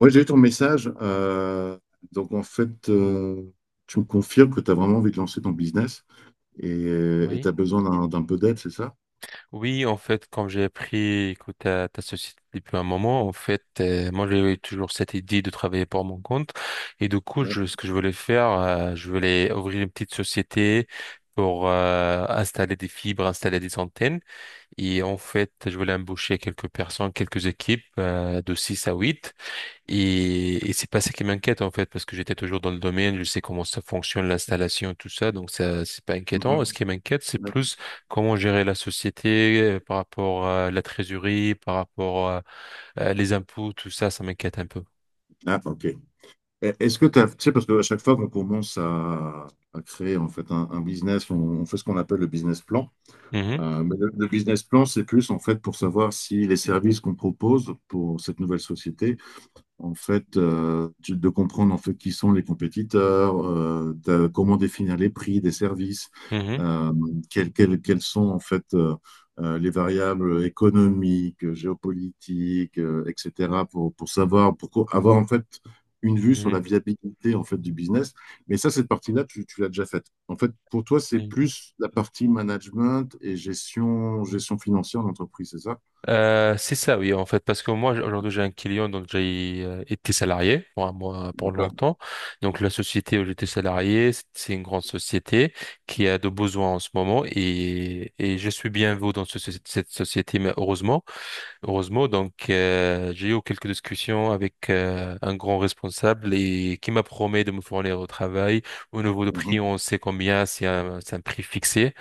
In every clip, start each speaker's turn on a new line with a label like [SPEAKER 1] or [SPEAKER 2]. [SPEAKER 1] Ouais, j'ai eu ton message. Donc, en fait, tu me confirmes que tu as vraiment envie de lancer ton business et tu
[SPEAKER 2] Oui,
[SPEAKER 1] as besoin d'un peu d'aide, c'est ça?
[SPEAKER 2] oui, en fait, comme j'ai appris, écoute, ta société depuis un moment, en fait, moi, j'avais toujours cette idée de travailler pour mon compte. Et du coup,
[SPEAKER 1] Ouais.
[SPEAKER 2] ce que je voulais faire, je voulais ouvrir une petite société pour installer des fibres, installer des antennes. Et en fait, je voulais embaucher quelques personnes, quelques équipes de 6 à 8. Et c'est pas ça qui m'inquiète en fait, parce que j'étais toujours dans le domaine, je sais comment ça fonctionne, l'installation, tout ça, donc ça, c'est pas inquiétant. Ce qui
[SPEAKER 1] Mhm.
[SPEAKER 2] m'inquiète, c'est plus comment gérer la société par rapport à la trésorerie, par rapport à les impôts, tout ça, ça m'inquiète un peu.
[SPEAKER 1] Ah, ok. Est-ce que tu as, tu sais, parce qu'à chaque fois qu'on commence à créer en fait un business, on fait ce qu'on appelle le business plan.
[SPEAKER 2] Mhm.
[SPEAKER 1] Mais le business plan, c'est plus en fait pour savoir si les services qu'on propose pour cette nouvelle société en fait, de comprendre en fait qui sont les compétiteurs, comment définir les prix des services,
[SPEAKER 2] Mhm.
[SPEAKER 1] euh, quelles sont en fait les variables économiques, géopolitiques, etc. pour, savoir, avoir en fait une vue sur la
[SPEAKER 2] Mhm.
[SPEAKER 1] viabilité en fait du business. Mais ça, cette partie-là, tu l'as déjà faite. En fait, pour toi, c'est
[SPEAKER 2] Mhm.
[SPEAKER 1] plus la partie management et gestion, financière d'entreprise, c'est ça?
[SPEAKER 2] C'est ça, oui, en fait, parce que moi, aujourd'hui, j'ai un client, donc j'ai été salarié pour un mois, pour
[SPEAKER 1] D'accord.
[SPEAKER 2] longtemps. Donc, la société où j'étais salarié, c'est une grande société qui a de besoins en ce moment et je suis bien vous dans cette société, mais heureusement. Donc, j'ai eu quelques discussions avec un grand responsable et qui m'a promis de me fournir au travail. Au niveau de prix,
[SPEAKER 1] Mhm.
[SPEAKER 2] on sait combien, c'est un prix fixé.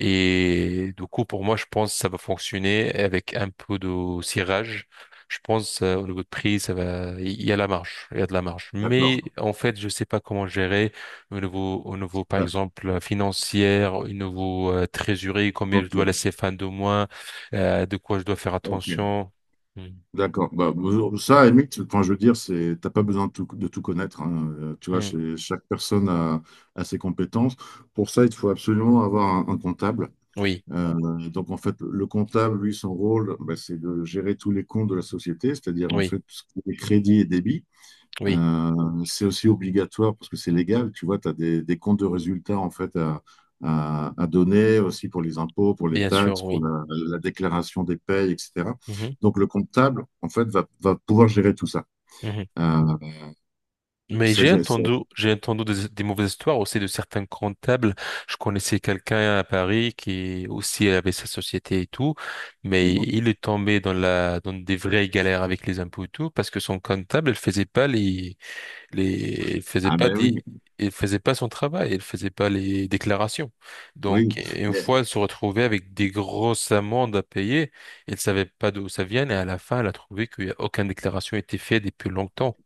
[SPEAKER 2] Et du coup, pour moi, je pense que ça va fonctionner avec un peu de cirage. Je pense au niveau de prix, ça va, il y a la marge, il y a de la marge. Mais
[SPEAKER 1] D'accord.
[SPEAKER 2] en fait, je sais pas comment gérer au niveau, par
[SPEAKER 1] Ouais.
[SPEAKER 2] exemple, financière, au niveau trésorerie, combien je dois
[SPEAKER 1] Ok.
[SPEAKER 2] laisser fin de mois de quoi je dois faire
[SPEAKER 1] Ok.
[SPEAKER 2] attention. Mm.
[SPEAKER 1] D'accord. Bah, bon, ça, à la limite, enfin, je veux dire, c'est, t'as pas besoin de tout connaître. Hein. Tu vois,
[SPEAKER 2] Mm.
[SPEAKER 1] chaque personne a ses compétences. Pour ça, il faut absolument avoir un comptable.
[SPEAKER 2] Oui,
[SPEAKER 1] Donc, en fait, le comptable, lui, son rôle, bah, c'est de gérer tous les comptes de la société, c'est-à-dire, en
[SPEAKER 2] oui,
[SPEAKER 1] fait, tout ce qui est crédits et débits.
[SPEAKER 2] oui,
[SPEAKER 1] C'est aussi obligatoire parce que c'est légal. Tu vois, tu as des comptes de résultats en fait à donner aussi pour les impôts, pour les
[SPEAKER 2] bien sûr,
[SPEAKER 1] taxes, pour
[SPEAKER 2] oui.
[SPEAKER 1] la déclaration des payes, etc.
[SPEAKER 2] Mhm.
[SPEAKER 1] Donc le comptable en fait va pouvoir gérer tout ça.
[SPEAKER 2] Mhm.
[SPEAKER 1] Euh, et
[SPEAKER 2] Mais
[SPEAKER 1] ça- ça- ça-
[SPEAKER 2] j'ai entendu des mauvaises histoires aussi de certains comptables. Je connaissais quelqu'un à Paris qui aussi avait sa société et tout, mais il est tombé dans la, dans des vraies galères avec les impôts et tout parce que son comptable, il faisait pas les, les, il faisait
[SPEAKER 1] Ah
[SPEAKER 2] pas
[SPEAKER 1] ben oui,
[SPEAKER 2] des, il faisait pas son travail, il faisait pas les déclarations. Donc,
[SPEAKER 1] oui,
[SPEAKER 2] une
[SPEAKER 1] mais
[SPEAKER 2] fois, elle se retrouvait avec des grosses amendes à payer. Elle savait pas d'où ça vient et à la fin, elle a trouvé qu'il y a aucune déclaration a été faite depuis longtemps.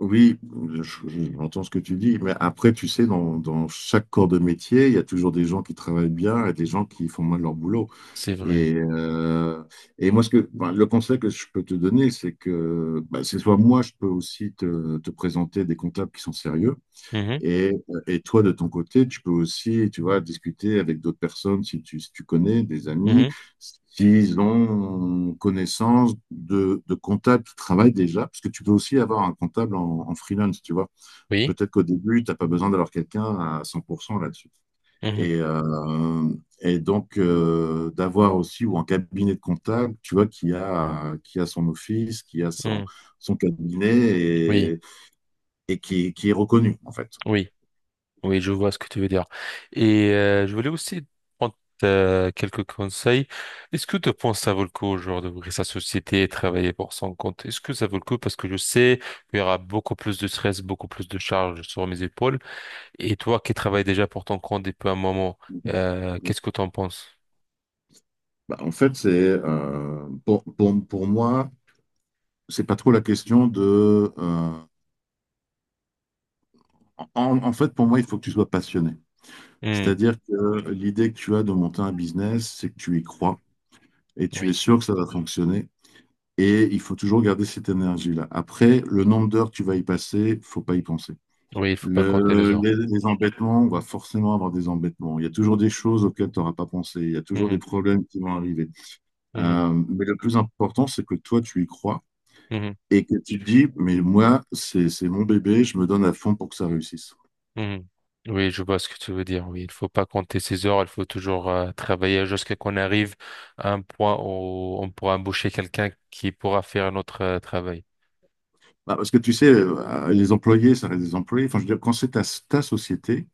[SPEAKER 1] oui, je- j'entends ce que tu dis, mais après, tu sais, dans chaque corps de métier, il y a toujours des gens qui travaillent bien et des gens qui font mal leur boulot.
[SPEAKER 2] C'est vrai.
[SPEAKER 1] Et, euh, et moi, ce que, enfin, le conseil que je peux te donner, c'est que bah, c'est soit moi, je peux aussi te, présenter des comptables qui sont sérieux,
[SPEAKER 2] Mhm.
[SPEAKER 1] et toi, de ton côté, tu peux aussi, tu vois, discuter avec d'autres personnes si tu, connais des amis,
[SPEAKER 2] Mhm.
[SPEAKER 1] s'ils ont connaissance de comptables qui travaillent déjà, parce que tu peux aussi avoir un comptable en freelance, tu vois.
[SPEAKER 2] Oui.
[SPEAKER 1] Peut-être qu'au début, tu n'as pas besoin d'avoir quelqu'un à 100% là-dessus.
[SPEAKER 2] Mhm.
[SPEAKER 1] Et, euh, et donc, d'avoir aussi, ou un cabinet de comptable, tu vois, qui a son office, qui a son,
[SPEAKER 2] Mhm.
[SPEAKER 1] cabinet
[SPEAKER 2] Oui.
[SPEAKER 1] et, qui est reconnu, en fait.
[SPEAKER 2] Oui. Oui, je vois ce que tu veux dire. Et je voulais aussi prendre quelques conseils. Est-ce que tu penses que ça vaut le coup, au genre, d'ouvrir sa société et travailler pour son compte? Est-ce que ça vaut le coup? Parce que je sais qu'il y aura beaucoup plus de stress, beaucoup plus de charges sur mes épaules. Et toi qui travailles déjà pour ton compte depuis un moment, qu'est-ce que tu en penses?
[SPEAKER 1] Bah, en fait, c'est pour moi, c'est pas trop la question de. En fait, pour moi, il faut que tu sois passionné.
[SPEAKER 2] Hmm,
[SPEAKER 1] C'est-à-dire que l'idée que tu as de monter un business, c'est que tu y crois et tu es
[SPEAKER 2] oui,
[SPEAKER 1] sûr que ça va fonctionner. Et il faut toujours garder cette énergie-là. Après, le nombre d'heures que tu vas y passer, faut pas y penser.
[SPEAKER 2] oui, il faut pas compter les
[SPEAKER 1] Le-
[SPEAKER 2] heures.
[SPEAKER 1] les, les embêtements, on va forcément avoir des embêtements. Il y a toujours des choses auxquelles tu n'auras pas pensé. Il y a toujours des
[SPEAKER 2] Mhm.
[SPEAKER 1] problèmes qui vont arriver.
[SPEAKER 2] Mhm.
[SPEAKER 1] Mais le plus important, c'est que toi, tu y crois
[SPEAKER 2] Mhm.
[SPEAKER 1] et que tu te dis, mais moi, c'est, mon bébé, je me donne à fond pour que ça réussisse.
[SPEAKER 2] Mhm. Oui, je vois ce que tu veux dire. Oui, il faut pas compter ses heures. Il faut toujours travailler jusqu'à qu'on arrive à un point où on pourra embaucher quelqu'un qui pourra faire notre travail.
[SPEAKER 1] Bah, parce que tu sais, les employés, ça reste des employés. Enfin, je veux dire, quand c'est ta société,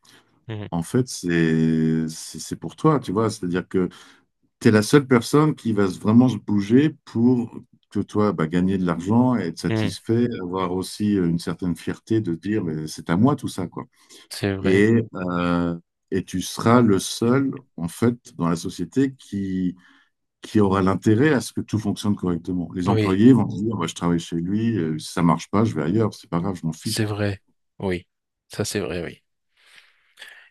[SPEAKER 2] Mhm.
[SPEAKER 1] en fait, c'est pour toi, tu vois. C'est-à-dire que tu es la seule personne qui va vraiment se bouger pour que toi, bah, gagner de l'argent, être
[SPEAKER 2] Mhm.
[SPEAKER 1] satisfait, avoir aussi une certaine fierté de dire, mais c'est à moi tout ça, quoi.
[SPEAKER 2] C'est vrai.
[SPEAKER 1] Et, euh, et tu seras le seul, en fait, dans la société qui aura l'intérêt à ce que tout fonctionne correctement. Les
[SPEAKER 2] Oui,
[SPEAKER 1] employés vont se dire, bah, je travaille chez lui, si ça marche pas, je vais ailleurs, c'est pas grave, je m'en fiche,
[SPEAKER 2] c'est
[SPEAKER 1] quoi.
[SPEAKER 2] vrai. Oui, ça c'est vrai, oui.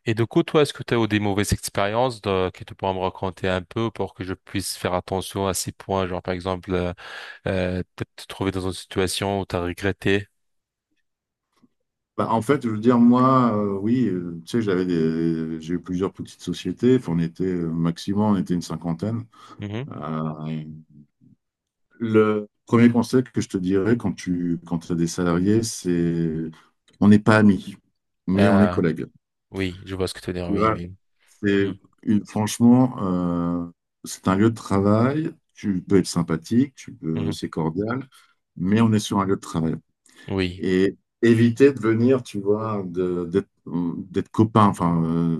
[SPEAKER 2] Et du coup, toi, est-ce que tu as eu des mauvaises expériences de- que tu pourras me raconter un peu pour que je puisse faire attention à ces points? Genre, par exemple, peut-être te trouver dans une situation où tu as regretté.
[SPEAKER 1] Bah, en fait, je veux dire, moi, oui, tu sais, j'ai eu plusieurs petites sociétés. Enfin, on était, maximum, on était une cinquantaine.
[SPEAKER 2] Mhm.
[SPEAKER 1] Euh, le premier conseil que je te dirais quand as des salariés, c'est on n'est pas amis, mais on est
[SPEAKER 2] Ah,
[SPEAKER 1] collègues.
[SPEAKER 2] oui, je vois ce que tu veux dire.
[SPEAKER 1] Tu vois,
[SPEAKER 2] Oui,
[SPEAKER 1] c'est
[SPEAKER 2] oui.
[SPEAKER 1] franchement, c'est un lieu de travail. Tu peux être sympathique, tu peux,
[SPEAKER 2] Mhm.
[SPEAKER 1] c'est cordial, mais on est sur un lieu de travail.
[SPEAKER 2] Oui,
[SPEAKER 1] Et éviter de venir, tu vois, d'être copain. Enfin,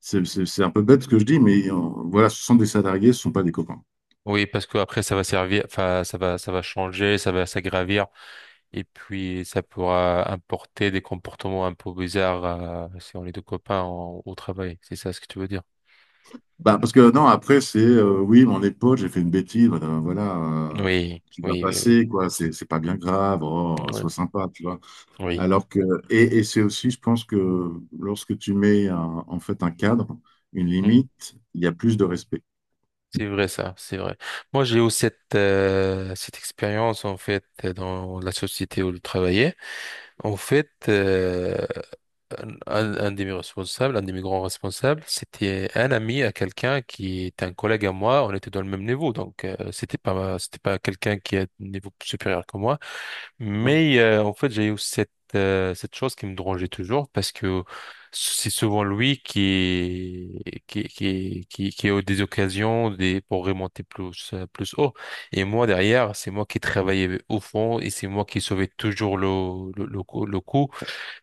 [SPEAKER 1] c'est un peu bête ce que je dis, mais voilà, ce sont des salariés, ce sont pas des copains.
[SPEAKER 2] oui, parce que après ça va servir, enfin ça va changer, ça va s'aggravir, et puis ça pourra importer des comportements un peu bizarres si on est deux copains au travail. C'est ça ce que tu veux dire?
[SPEAKER 1] Bah, parce que non, après, c'est oui, mon épaule, j'ai fait une bêtise, voilà, voilà,
[SPEAKER 2] Oui,
[SPEAKER 1] qui va
[SPEAKER 2] oui, oui, oui,
[SPEAKER 1] passer, quoi, c'est pas bien grave, oh,
[SPEAKER 2] oui,
[SPEAKER 1] sois sympa, tu vois.
[SPEAKER 2] oui.
[SPEAKER 1] Alors que, et, c'est aussi, je pense que lorsque tu mets en fait un cadre, une
[SPEAKER 2] Hmm.
[SPEAKER 1] limite, il y a plus de respect.
[SPEAKER 2] C'est vrai ça, c'est vrai. Moi j'ai eu cette cette expérience en fait dans la société où je travaillais. En fait, un de mes responsables, un de mes grands responsables, c'était un ami à quelqu'un qui est un collègue à moi. On était dans le même niveau, donc c'était pas quelqu'un qui est à un niveau supérieur que moi. Mais en fait, j'ai eu cette cette chose qui me dérangeait toujours parce que c'est souvent lui qui a eu des occasions des pour remonter plus plus haut. Et moi derrière, c'est moi qui travaillais au fond et c'est moi qui sauvais toujours le coup.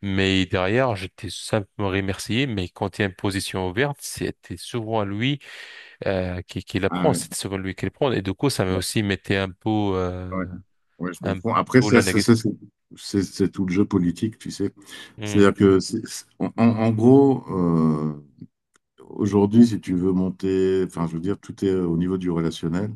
[SPEAKER 2] Mais derrière, j'étais simplement remercié, mais quand il y a une position ouverte, c'était souvent lui qui la
[SPEAKER 1] Ah
[SPEAKER 2] prend,
[SPEAKER 1] ouais.
[SPEAKER 2] c'était souvent lui qui la prend. Et du coup, ça m'a aussi mettait un peu,
[SPEAKER 1] Ouais. Ouais, je
[SPEAKER 2] un
[SPEAKER 1] comprends. Après,
[SPEAKER 2] la négative.
[SPEAKER 1] ça, c'est tout le jeu politique, tu sais. C'est-à-dire que, en gros, aujourd'hui, si tu veux monter, enfin, je veux dire, tout est au niveau du relationnel.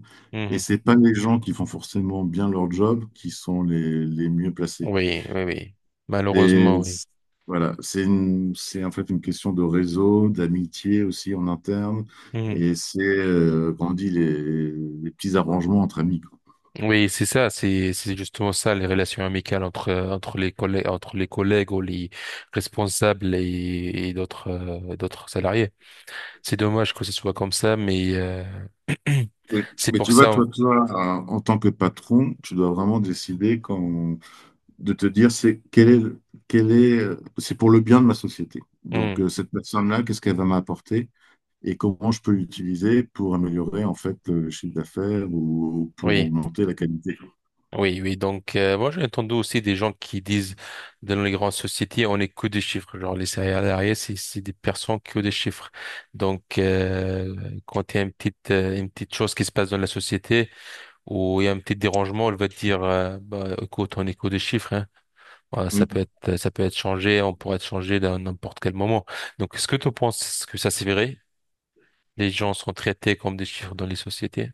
[SPEAKER 1] Et
[SPEAKER 2] Oui,
[SPEAKER 1] c'est pas les gens qui font forcément bien leur job qui sont les, mieux placés.
[SPEAKER 2] oui, oui. Malheureusement,
[SPEAKER 1] Et
[SPEAKER 2] oui.
[SPEAKER 1] c'est- voilà, c'est en fait une question de réseau, d'amitié aussi en interne.
[SPEAKER 2] Mhm.
[SPEAKER 1] Et c'est, comment on dit, les, petits arrangements entre amis.
[SPEAKER 2] Oui, c'est ça, c'est justement ça, les relations amicales entre entre les collègues ou les responsables et d'autres d'autres salariés. C'est dommage que ce soit comme ça, mais
[SPEAKER 1] Mais,
[SPEAKER 2] c'est
[SPEAKER 1] mais
[SPEAKER 2] pour
[SPEAKER 1] tu vois,
[SPEAKER 2] ça.
[SPEAKER 1] toi, en tant que patron, tu dois vraiment décider quand, de te dire c'est quel est, le- quel est, c'est pour le bien de ma société. Donc cette personne-là, qu'est-ce qu'elle va m'apporter et comment je peux l'utiliser pour améliorer en fait le chiffre d'affaires ou, pour
[SPEAKER 2] Oui,
[SPEAKER 1] augmenter la qualité.
[SPEAKER 2] oui, oui. Donc, moi, j'ai entendu aussi des gens qui disent dans les grandes sociétés, on est que des chiffres. Genre, les salariés, c'est des personnes qui ont des chiffres. Donc, quand il y a une petite chose qui se passe dans la société ou il y a un petit dérangement, elle va te dire, bah, écoute, on est que des chiffres, hein. Voilà,
[SPEAKER 1] Mm.
[SPEAKER 2] ça peut être changé, on pourrait être changé dans n'importe quel moment. Donc, est-ce que tu penses que ça, c'est vrai? Les gens sont traités comme des chiffres dans les sociétés?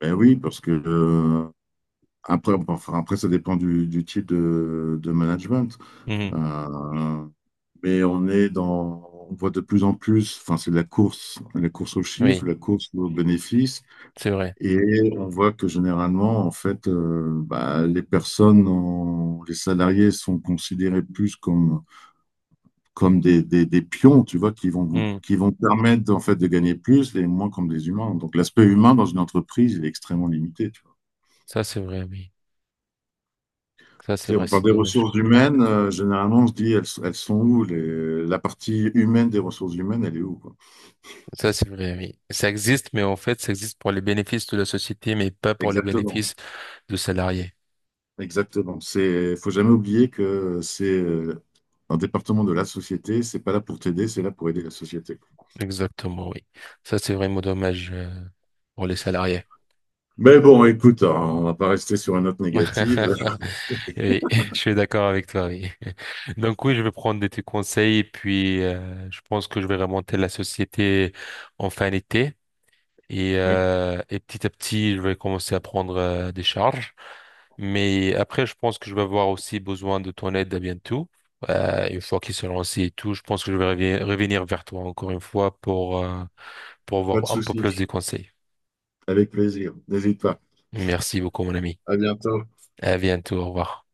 [SPEAKER 1] Ben oui, parce que après, bon, enfin, après, ça dépend du, type de management.
[SPEAKER 2] Mhm.
[SPEAKER 1] Euh, mais on voit de plus en plus, enfin, c'est la course aux chiffres,
[SPEAKER 2] Oui,
[SPEAKER 1] la course aux bénéfices.
[SPEAKER 2] c'est vrai.
[SPEAKER 1] Et on voit que généralement, en fait, bah, les personnes, les salariés sont considérés plus comme, des pions, tu vois, qui vont
[SPEAKER 2] Mhm.
[SPEAKER 1] permettre en fait de gagner plus et moins comme des humains. Donc l'aspect humain dans une entreprise, il est extrêmement limité, tu vois.
[SPEAKER 2] Ça, c'est vrai, oui. Ça, c'est
[SPEAKER 1] Tu sais,
[SPEAKER 2] vrai,
[SPEAKER 1] on parle
[SPEAKER 2] c'est
[SPEAKER 1] des
[SPEAKER 2] dommage.
[SPEAKER 1] ressources humaines, généralement on se dit elles sont où la partie humaine des ressources humaines, elle est où, quoi.
[SPEAKER 2] Ça, c'est vrai, oui. Ça existe, mais en fait, ça existe pour les bénéfices de la société, mais pas pour les
[SPEAKER 1] Exactement.
[SPEAKER 2] bénéfices de salariés.
[SPEAKER 1] Exactement. C'est, faut jamais oublier que c'est un département de la société. C'est pas là pour t'aider, c'est là pour aider la société.
[SPEAKER 2] Exactement, oui. Ça, c'est vraiment dommage pour les salariés.
[SPEAKER 1] Mais bon, écoute, hein, on va pas rester sur une note négative.
[SPEAKER 2] Oui, je suis d'accord avec toi, oui. Donc oui, je vais prendre de tes conseils et puis je pense que je vais remonter la société en fin d'été
[SPEAKER 1] Ouais,
[SPEAKER 2] et petit à petit, je vais commencer à prendre des charges. Mais après, je pense que je vais avoir aussi besoin de ton aide à bientôt. Une fois qu'il se lance et tout, je pense que je vais revenir vers toi encore une fois pour
[SPEAKER 1] pas de
[SPEAKER 2] avoir un peu plus
[SPEAKER 1] souci.
[SPEAKER 2] de conseils.
[SPEAKER 1] Avec plaisir. N'hésite pas.
[SPEAKER 2] Merci beaucoup, mon ami.
[SPEAKER 1] À bientôt.
[SPEAKER 2] À bientôt. Au revoir.